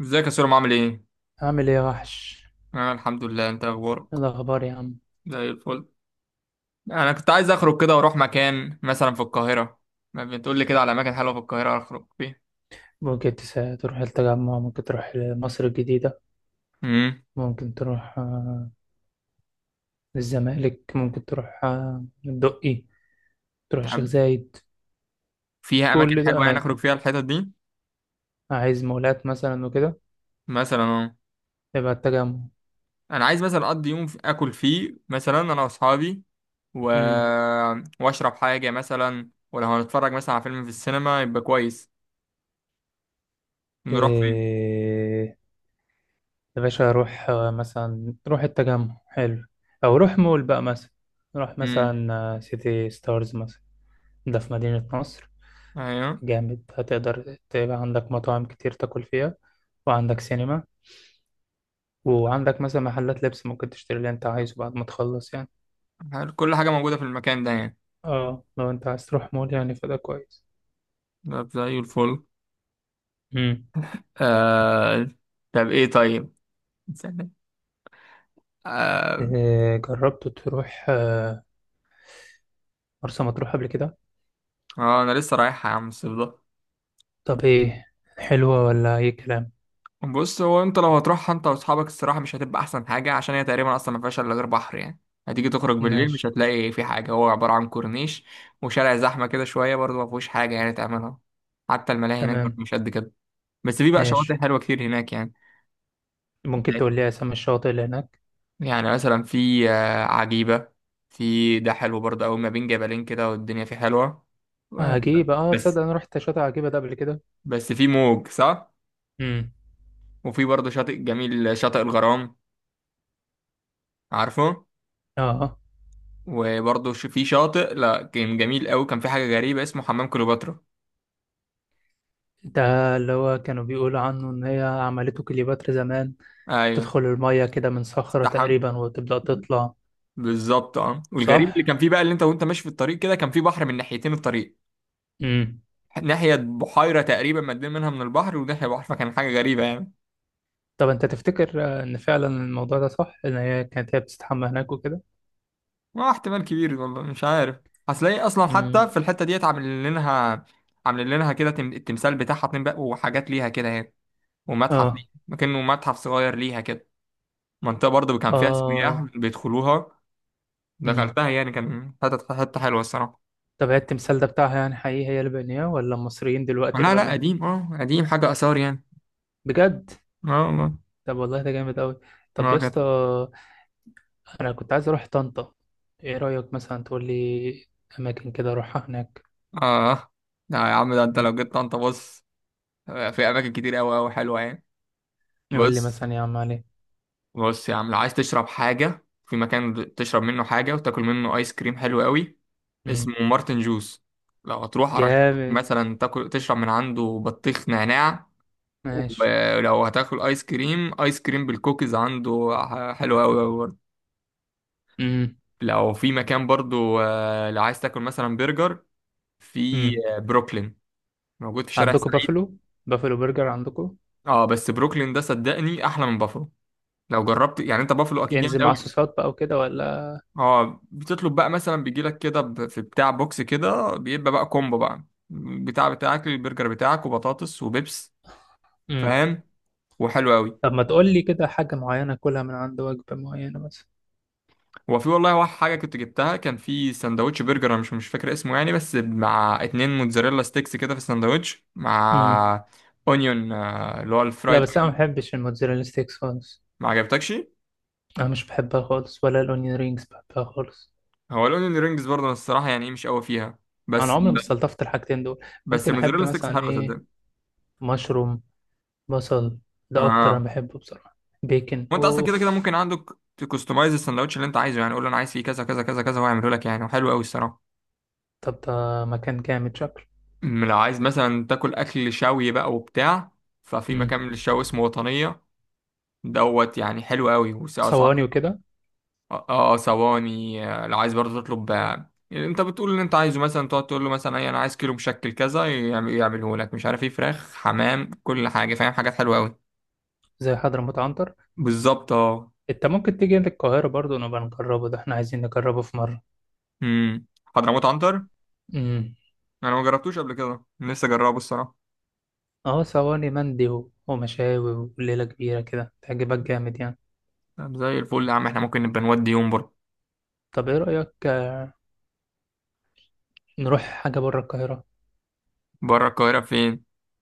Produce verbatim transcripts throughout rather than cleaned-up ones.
ازيك يا سوري عامل ايه؟ عامل ايه يا وحش؟ انا الحمد لله. انت ايه اخبارك؟ إيه الاخبار يا عم؟ زي الفل. انا كنت عايز اخرج كده واروح مكان مثلا في القاهرة. ما بتقول لي كده على اماكن حلوة في القاهرة اخرج فيها. ممكن تس- تروح التجمع، ممكن تروح مصر الجديدة، امم ممكن تروح آه، الزمالك، ممكن تروح آه، الدقي، تروح الشيخ تحب زايد. فيها اماكن كل ده حلوة يعني اماكن. اخرج فيها الحتت دي؟ عايز مولات مثلا وكده؟ مثلا اه. يبقى التجمع. انا عايز مثلا اقضي يوم في- اكل فيه مثلا انا واصحابي و... امم. واشرب حاجة مثلا، ولو هنتفرج مثلا على فيلم في السينما يبقى كويس. نروح فين؟ إيه؟ يا باشا روح آه، مثلا، روح التجمع، حلو. او روح مول بقى مثلا، روح امم مثلا آه، سيتي ستارز مثلا. ده في مدينة نصر، ايوه، جامد. هتقدر تبقى عندك مطاعم كتير تاكل فيها، وعندك سينما، وعندك مثلا محلات لبس ممكن تشتري اللي انت عايزه بعد ما تخلص يعني. كل حاجة موجودة في المكان ده يعني. اه لو انت عايز تروح مول يعني فده كويس. ده زي الفل. امم. آه... طب ايه؟ طيب استنى. آه... إيه؟ جربت تروح آه، مرسى مطروح قبل كده؟ اه انا لسه رايحة يا عم الصيف ده. طب ايه، حلوة ولا اي كلام؟ بص، هو انت لو هتروحها انت واصحابك الصراحة مش هتبقى احسن حاجة، عشان هي تقريبا اصلا ما فيهاش الا غير بحر يعني. هتيجي تخرج بالليل ماشي. مش هتلاقي في حاجة، هو عبارة عن كورنيش وشارع زحمة كده شوية، برضه ما فيهوش حاجة يعني تعملها. حتى الملاهي هناك برضه تمام. مش قد كده. بس في بقى شواطئ ماشي. حلوة كتير هناك يعني. ممكن تقول لي اسامي الشواطئ اللي هناك؟ يعني مثلا في آه، عجيبة. في ده حلو برضه أوي، ما بين جبلين كده والدنيا فيه حلوة. آه، عجيبة، اه، بس تصدق انا رحت شاطئ عجيبة ده قبل كده. بس في موج صح. امم. وفي برضه شاطئ جميل، شاطئ الغرام، عارفه؟ اه. وبرضه ش- في شاطئ لا كان جميل قوي، كان في حاجه غريبه اسمه حمام كليوباترا. ده اللي هو كانوا بيقولوا عنه ان هي عملته كليوباترا زمان. ايوه. تدخل المية كده من صخرة استحم تقريبا وتبدأ تطلع. بالظبط، اه. صح؟ والغريب اللي كان فيه بقى، اللي انت وانت ماشي في الطريق كده كان في بحر من ناحيتين الطريق. امم. ناحيه بحيره تقريبا مدين منها من البحر، وناحيه بحر، فكان حاجه غريبه يعني. طب انت تفتكر آه، ان فعلا الموضوع ده صح ان هي كانت هي بتستحمى هناك وكده؟ اه احتمال كبير، والله مش عارف. هتلاقي اصلا حتى امم. في الحته ديت عاملين لها، عاملين لها كده تم- التمثال بتاعها اتنين بقى، وحاجات ليها كده يعني. ومتحف اه. ليها، كأنه متحف صغير ليها كده. منطقة برضه كان فيها اه. سياح بيدخلوها. امم. دخلتها يعني، كان حتة حتة حلوة الصراحة. طب هي التمثال ده بتاعها يعني حقيقي هي اللي بنياه ولا المصريين دلوقتي اللي لا لا، بنوه؟ قديم اه قديم، حاجة آثار يعني. بجد؟ اه والله. طب والله ده جامد قوي. طب اه يا كانت. اسطى، انا كنت عايز اروح طنطا. ايه رأيك مثلا تقول لي اماكن كده اروحها هناك؟ اه لا يا عم، ده انت مم. لو جيت طنطا، بص، آه، في أماكن كتير أوي أوي حلوة يعني. يقول لي بص مثلا يا عم علي. بص يا عم، لو عايز تشرب حاجة في مكان، تشرب منه حاجة وتاكل منه آيس كريم حلو أوي، مم. اسمه مارتن جوز. لو هتروح أرشحك جامد. مثلا تاكل، تشرب من عنده بطيخ نعناع. ماشي. ولو هتاكل ايس كريم، ايس كريم بالكوكيز عنده ح- حلو قوي قوي برضه. لو في مكان برضه، آه، لو عايز تاكل مثلا برجر، في امم. آه، بروكلين، موجود في شارع عندكم السعيد. بافلو؟ بافلو برجر عندكم؟ اه بس بروكلين ده صدقني احلى من بافلو، لو جربت يعني. انت بافلو اكيد جامد ينزل مع قوي. صوصات بقى وكده ولا؟ اه بتطلب بقى مثلا بيجي لك كده ب- في بتاع بوكس كده، بيبقى بقى كومبو بقى، بتاع بتاعك البرجر بتاعك وبطاطس وبيبس، امم. فاهم؟ وحلو قوي. طب ما تقول لي كده حاجة معينة كلها من عند وجبة معينة مثلا. هو في والله واحد حاجة كنت جبتها، كان في سندوتش برجر، أنا مش مش فاكر اسمه يعني، بس مع اتنين موتزاريلا ستيكس كده في السندوتش، امم. مع اونيون، آه، اللي هو لا الفرايد بس انا ما أونيون. بحبش الموتزاريلا ستيكس خالص. ما عجبتكش. انا مش بحبها خالص، ولا الاونيون رينجز بحبها خالص. هو الاونيون رينجز برضه أنا الصراحة يعني إيه، مش قوي فيها. انا بس عمري ما استلطفت الحاجتين دول. بس ممكن احب الموتزاريلا ستيكس مثلا حلوة ايه، صدق. مشروم، بصل، ده اكتر اه انا بحبه بصراحة. بيكن وانت اصلا كده كده اوف. ممكن عندك تكستمايز السندوتش اللي انت عايزه يعني، قول له انا عايز فيه كذا كذا كذا كذا وهيعمله لك يعني، وحلو قوي الصراحة. طب ده مكان جامد شكله. أم لو عايز مثلا تاكل اكل شوي بقى وبتاع، ففي امم. مكان للشوي اسمه وطنية دوت، يعني حلو قوي واسعاره. صواني وكده؟ اه آه، ثواني، آه، لو عايز برضه تطلب، آه، انت بتقول اللي انت عايزه مثلا، تقعد تقول له مثلا اي انا عايز كيلو مشكل كذا، يعم- يعمله لك مش عارف ايه، فراخ، حمام، كل حاجه فاهم، حاجات حلوه قوي. زي حضرموت عنتر. بالظبط اه. انت ممكن تيجي للقاهرة برضو نبقى نجربه، ده احنا عايزين نجربه في مرة. امم حضرموت عنتر. امم. انا ما جربتوش قبل كده، لسه جربه الصراحه. اه صواني مندي و- ومشاوي وليلة كبيرة كده تعجبك جامد يعني. طب زي الفل يا عم، احنا ممكن نبقى نودي يوم بره. طب ايه رأيك آه، نروح حاجة بره القاهرة؟ بره القاهره فين؟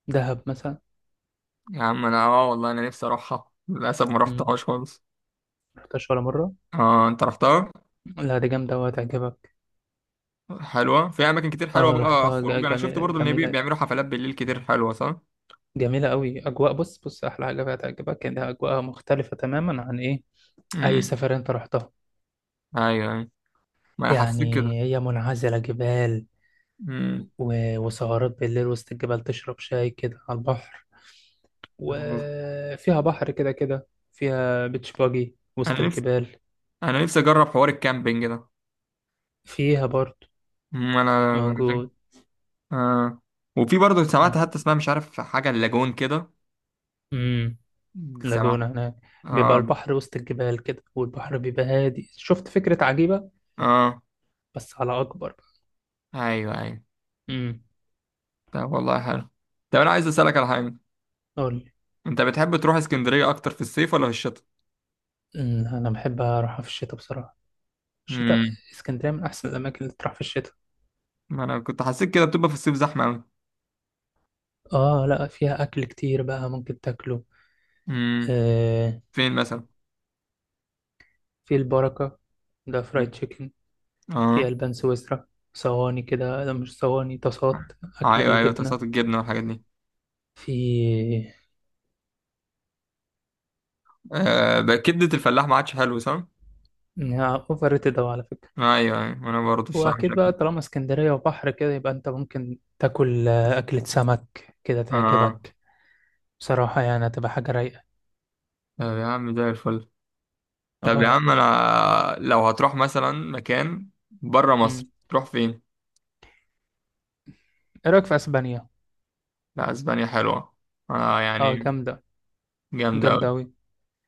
دهب مثلا. يا عم انا اه والله انا نفسي اروحها، للاسف ما امم. رحتهاش خالص. رحتهاش ولا مرة؟ اه انت رحتها؟ لا دي جامدة وهتعجبك. حلوه؟ في اماكن كتير حلوه اه بقى رحتها، خروج؟ ج- انا شفت جميلة برضو ان بي- جميلة، بيعملوا حفلات بالليل كتير حلوه صح. جميلة قوي اجواء. بص بص، احلى حاجة فيها هتعجبك انها اجواءها مختلفة تماما عن ايه، اي امم. سفر انت رحتها. ايوه ايوه، ما انا حسيت يعني كده. هي منعزلة جبال، امم. و- وسهرات بالليل وسط الجبال، تشرب شاي كده على البحر، وفيها بحر كده كده، فيها بيتش باجي وسط انا نفسي الجبال. انا نفسي اجرب حوار الكامبينج ده. فيها برضه أمم، انا موجود. آه. وفي برضه سمعت، حتى اسمها مش عارف، حاجه اللاجون كده. امم. سمعت. لاجونا هناك. بيبقى اه. البحر وسط الجبال كده والبحر بيبقى هادي، شفت فكرة عجيبة. اه. بس على أكبر بقى. ايوه ايوه. امم. طب والله حلو. طب انا عايز اسالك على حاجه، قول لي. انت بتحب تروح اسكندريه اكتر في الصيف ولا في الشتاء؟ أمم، أنا بحب أروحها في الشتاء بصراحة. الشتاء، امم. اسكندرية من أحسن الأماكن اللي تروح في الشتاء. ما انا كنت حسيت كده، بتبقى في الصيف زحمه قوي. آه لأ، فيها أكل كتير بقى ممكن تاكله. امم. آه. فين مثلا؟ في البركة، ده فرايد أمم، تشيكن. في اه. ألبان سويسرا، صواني كده، لا مش صواني، طاسات، أكل ايوه ايوه، بالجبنة. طاسات الجبنه والحاجات دي. في آه بقى كبده الفلاح ما عادش حلو صح. أوفر ريتد أوي على فكرة. ايوه ايوه انا برضه الصراحه وأكيد بقى شكلي. طالما اسكندرية وبحر كده، يبقى أنت ممكن تاكل آه، أكلة سمك كده اه. تعجبك. بصراحة يعني هتبقى حاجة رايقة. طب يا عم زي الفل. طب يا اه. عم انا لو هتروح مثلا مكان بره مصر مم. تروح فين؟ إيه رأيك في أسبانيا؟ لا اسبانيا حلوه، اه اه يعني. جامدة. جامده جامدة قوي. أوي.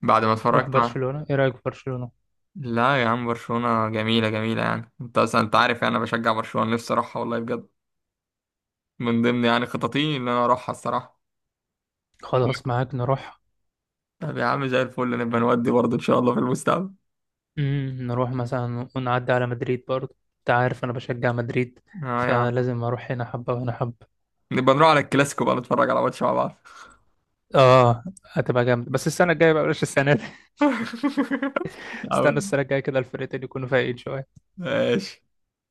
بعد ما نروح اتفرجت على- برشلونة، إيه رأيك في برشلونة؟ لا يا عم برشلونه جميله جميله يعني، انت اصلا انت عارف يعني انا بشجع برشلونه، نفسي اروحها والله بجد. من ضمن يعني خططي ان انا اروحها الصراحه. خلاص معاك نروح. طب يا عم زي الفل، نبقى نودي برضه ان شاء الله في المستقبل. مم. نروح مثلا ونعدي على مدريد، برضه أنت عارف أنا بشجع مدريد، اه يا عم، فلازم أروح هنا حبة وهنا حبة. نبقى نروح على الكلاسيكو بقى، نتفرج على ماتش مع بعض. اه هتبقى جامد، بس السنة الجاية بقى، بلاش السنة دي. استنى السنة الجاية كده الفرقتين يكونوا فايقين شوية. ماشي.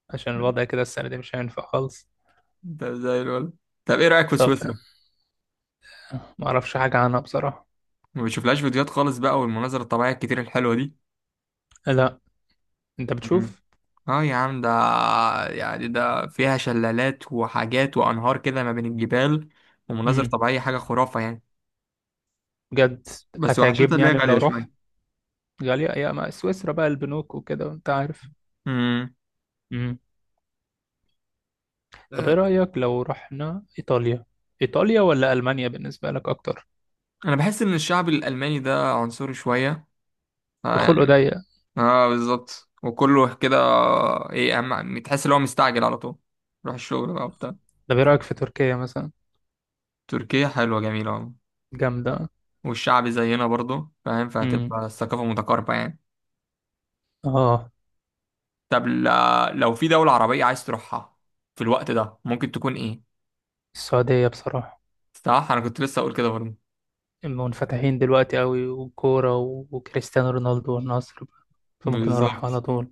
عشان الوضع كده السنة دي مش هينفع خالص. ده زي الولد. طب ايه رأيك في طب سويسرا؟ آه، ما اعرفش حاجة عنها بصراحة. ما بتشوفلهاش فيديوهات خالص بقى، والمناظر الطبيعية الكتير الحلوة دي؟ لا. انت مم. بتشوف؟ اه يا عم ده، يعني ده فيها شلالات وحاجات وأنهار كده ما بين الجبال، ومناظر امم. طبيعية حاجة خرافة يعني. بجد. بس وحشتها هتعجبني اللي هي يعني لو غالية روح. شوية. غالية يا ما، سويسرا بقى البنوك وكده وانت عارف. امم. امم. طب ايه آه، رأيك لو رحنا ايطاليا؟ ايطاليا ولا المانيا بالنسبة لك اكتر؟ أنا بحس إن الشعب الألماني ده عنصري شوية، اه يعني. الخلق ضيق. اه بالظبط، وكله كده ايه، أهم تحس إن هو مستعجل على طول، روح الشغل بقى وبتاع. طب ايه رأيك في تركيا مثلا؟ تركيا حلوة جميلة، جامدة. والشعبي زينا برضو فاهم، امم. فهتبقى الثقافة متقاربة يعني. اه. طب ل- لو في دولة عربية عايز تروحها في الوقت ده ممكن تكون ايه؟ السعودية بصراحة. صح، انا كنت لسه اقول كده برضو. منفتحين دلوقتي قوي، والكورة و- وكريستيانو رونالدو والنصر. فممكن أروح على بالظبط. طول.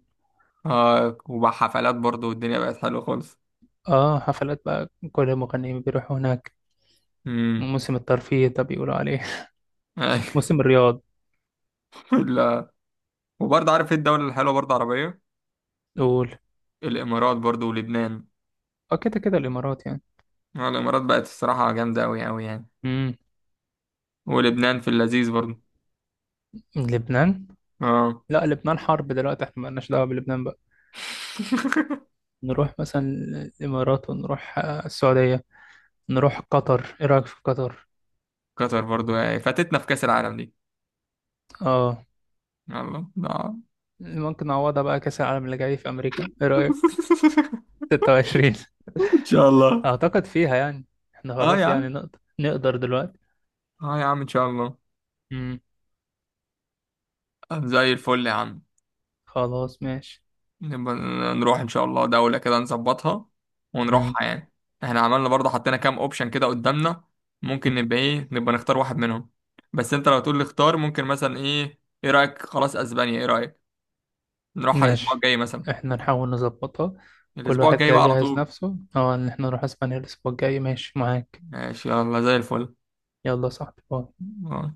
اه وبقى حفلات برضو والدنيا بقت حلوه خالص. اه حفلات بقى، كل المغنيين بيروحوا هناك. امم. موسم الترفيه ده بيقولوا عليه. ايوه. موسم الرياض. لا. وبرضه عارف ايه الدولة الحلوة برضه عربية؟ قول. الامارات برضو، ولبنان. اه كده كده الإمارات يعني. آه، الامارات بقت الصراحة جامدة اوي اوي يعني. امم. ولبنان في اللذيذ برضو، لبنان؟ اه. لا لبنان حرب دلوقتي، احنا مالناش دعوة بلبنان بقى. نروح مثلا الإمارات، ونروح آه، السعودية، نروح قطر. ايه رأيك في قطر؟ قطر برضو، يعني فاتتنا في كأس العالم دي. اه. يلا آه. ممكن نعوضها بقى، كأس العالم اللي جاي في أمريكا، ايه رأيك؟ ستة وعشرين. ان شاء الله. اعتقد فيها يعني، احنا اه يا خلاص يعني عم، نقدر، نقدر دلوقتي. اه يا عم ان شاء الله. امم. زي الفل يا عم. خلاص ماشي. نبقى نروح ان شاء الله دولة كده نظبطها امم. ونروحها يعني. احنا عملنا برضه، حطينا كام اوبشن كده قدامنا، ممكن نبقى ايه نبقى نختار واحد منهم. بس انت لو تقول لي اختار ممكن مثلا ايه، ايه رأيك خلاص اسبانيا، ايه رأيك نروحها الاسبوع ماشي، الجاي مثلا؟ احنا نحاول نظبطها. كل الاسبوع واحد الجاي كده بقى على يجهز طول. نفسه، اه، ان احنا نروح اسبانيا الاسبوع الجاي. ماشي معاك. ماشي يلا زي الفل. يلا يا صاحبي باي. آه.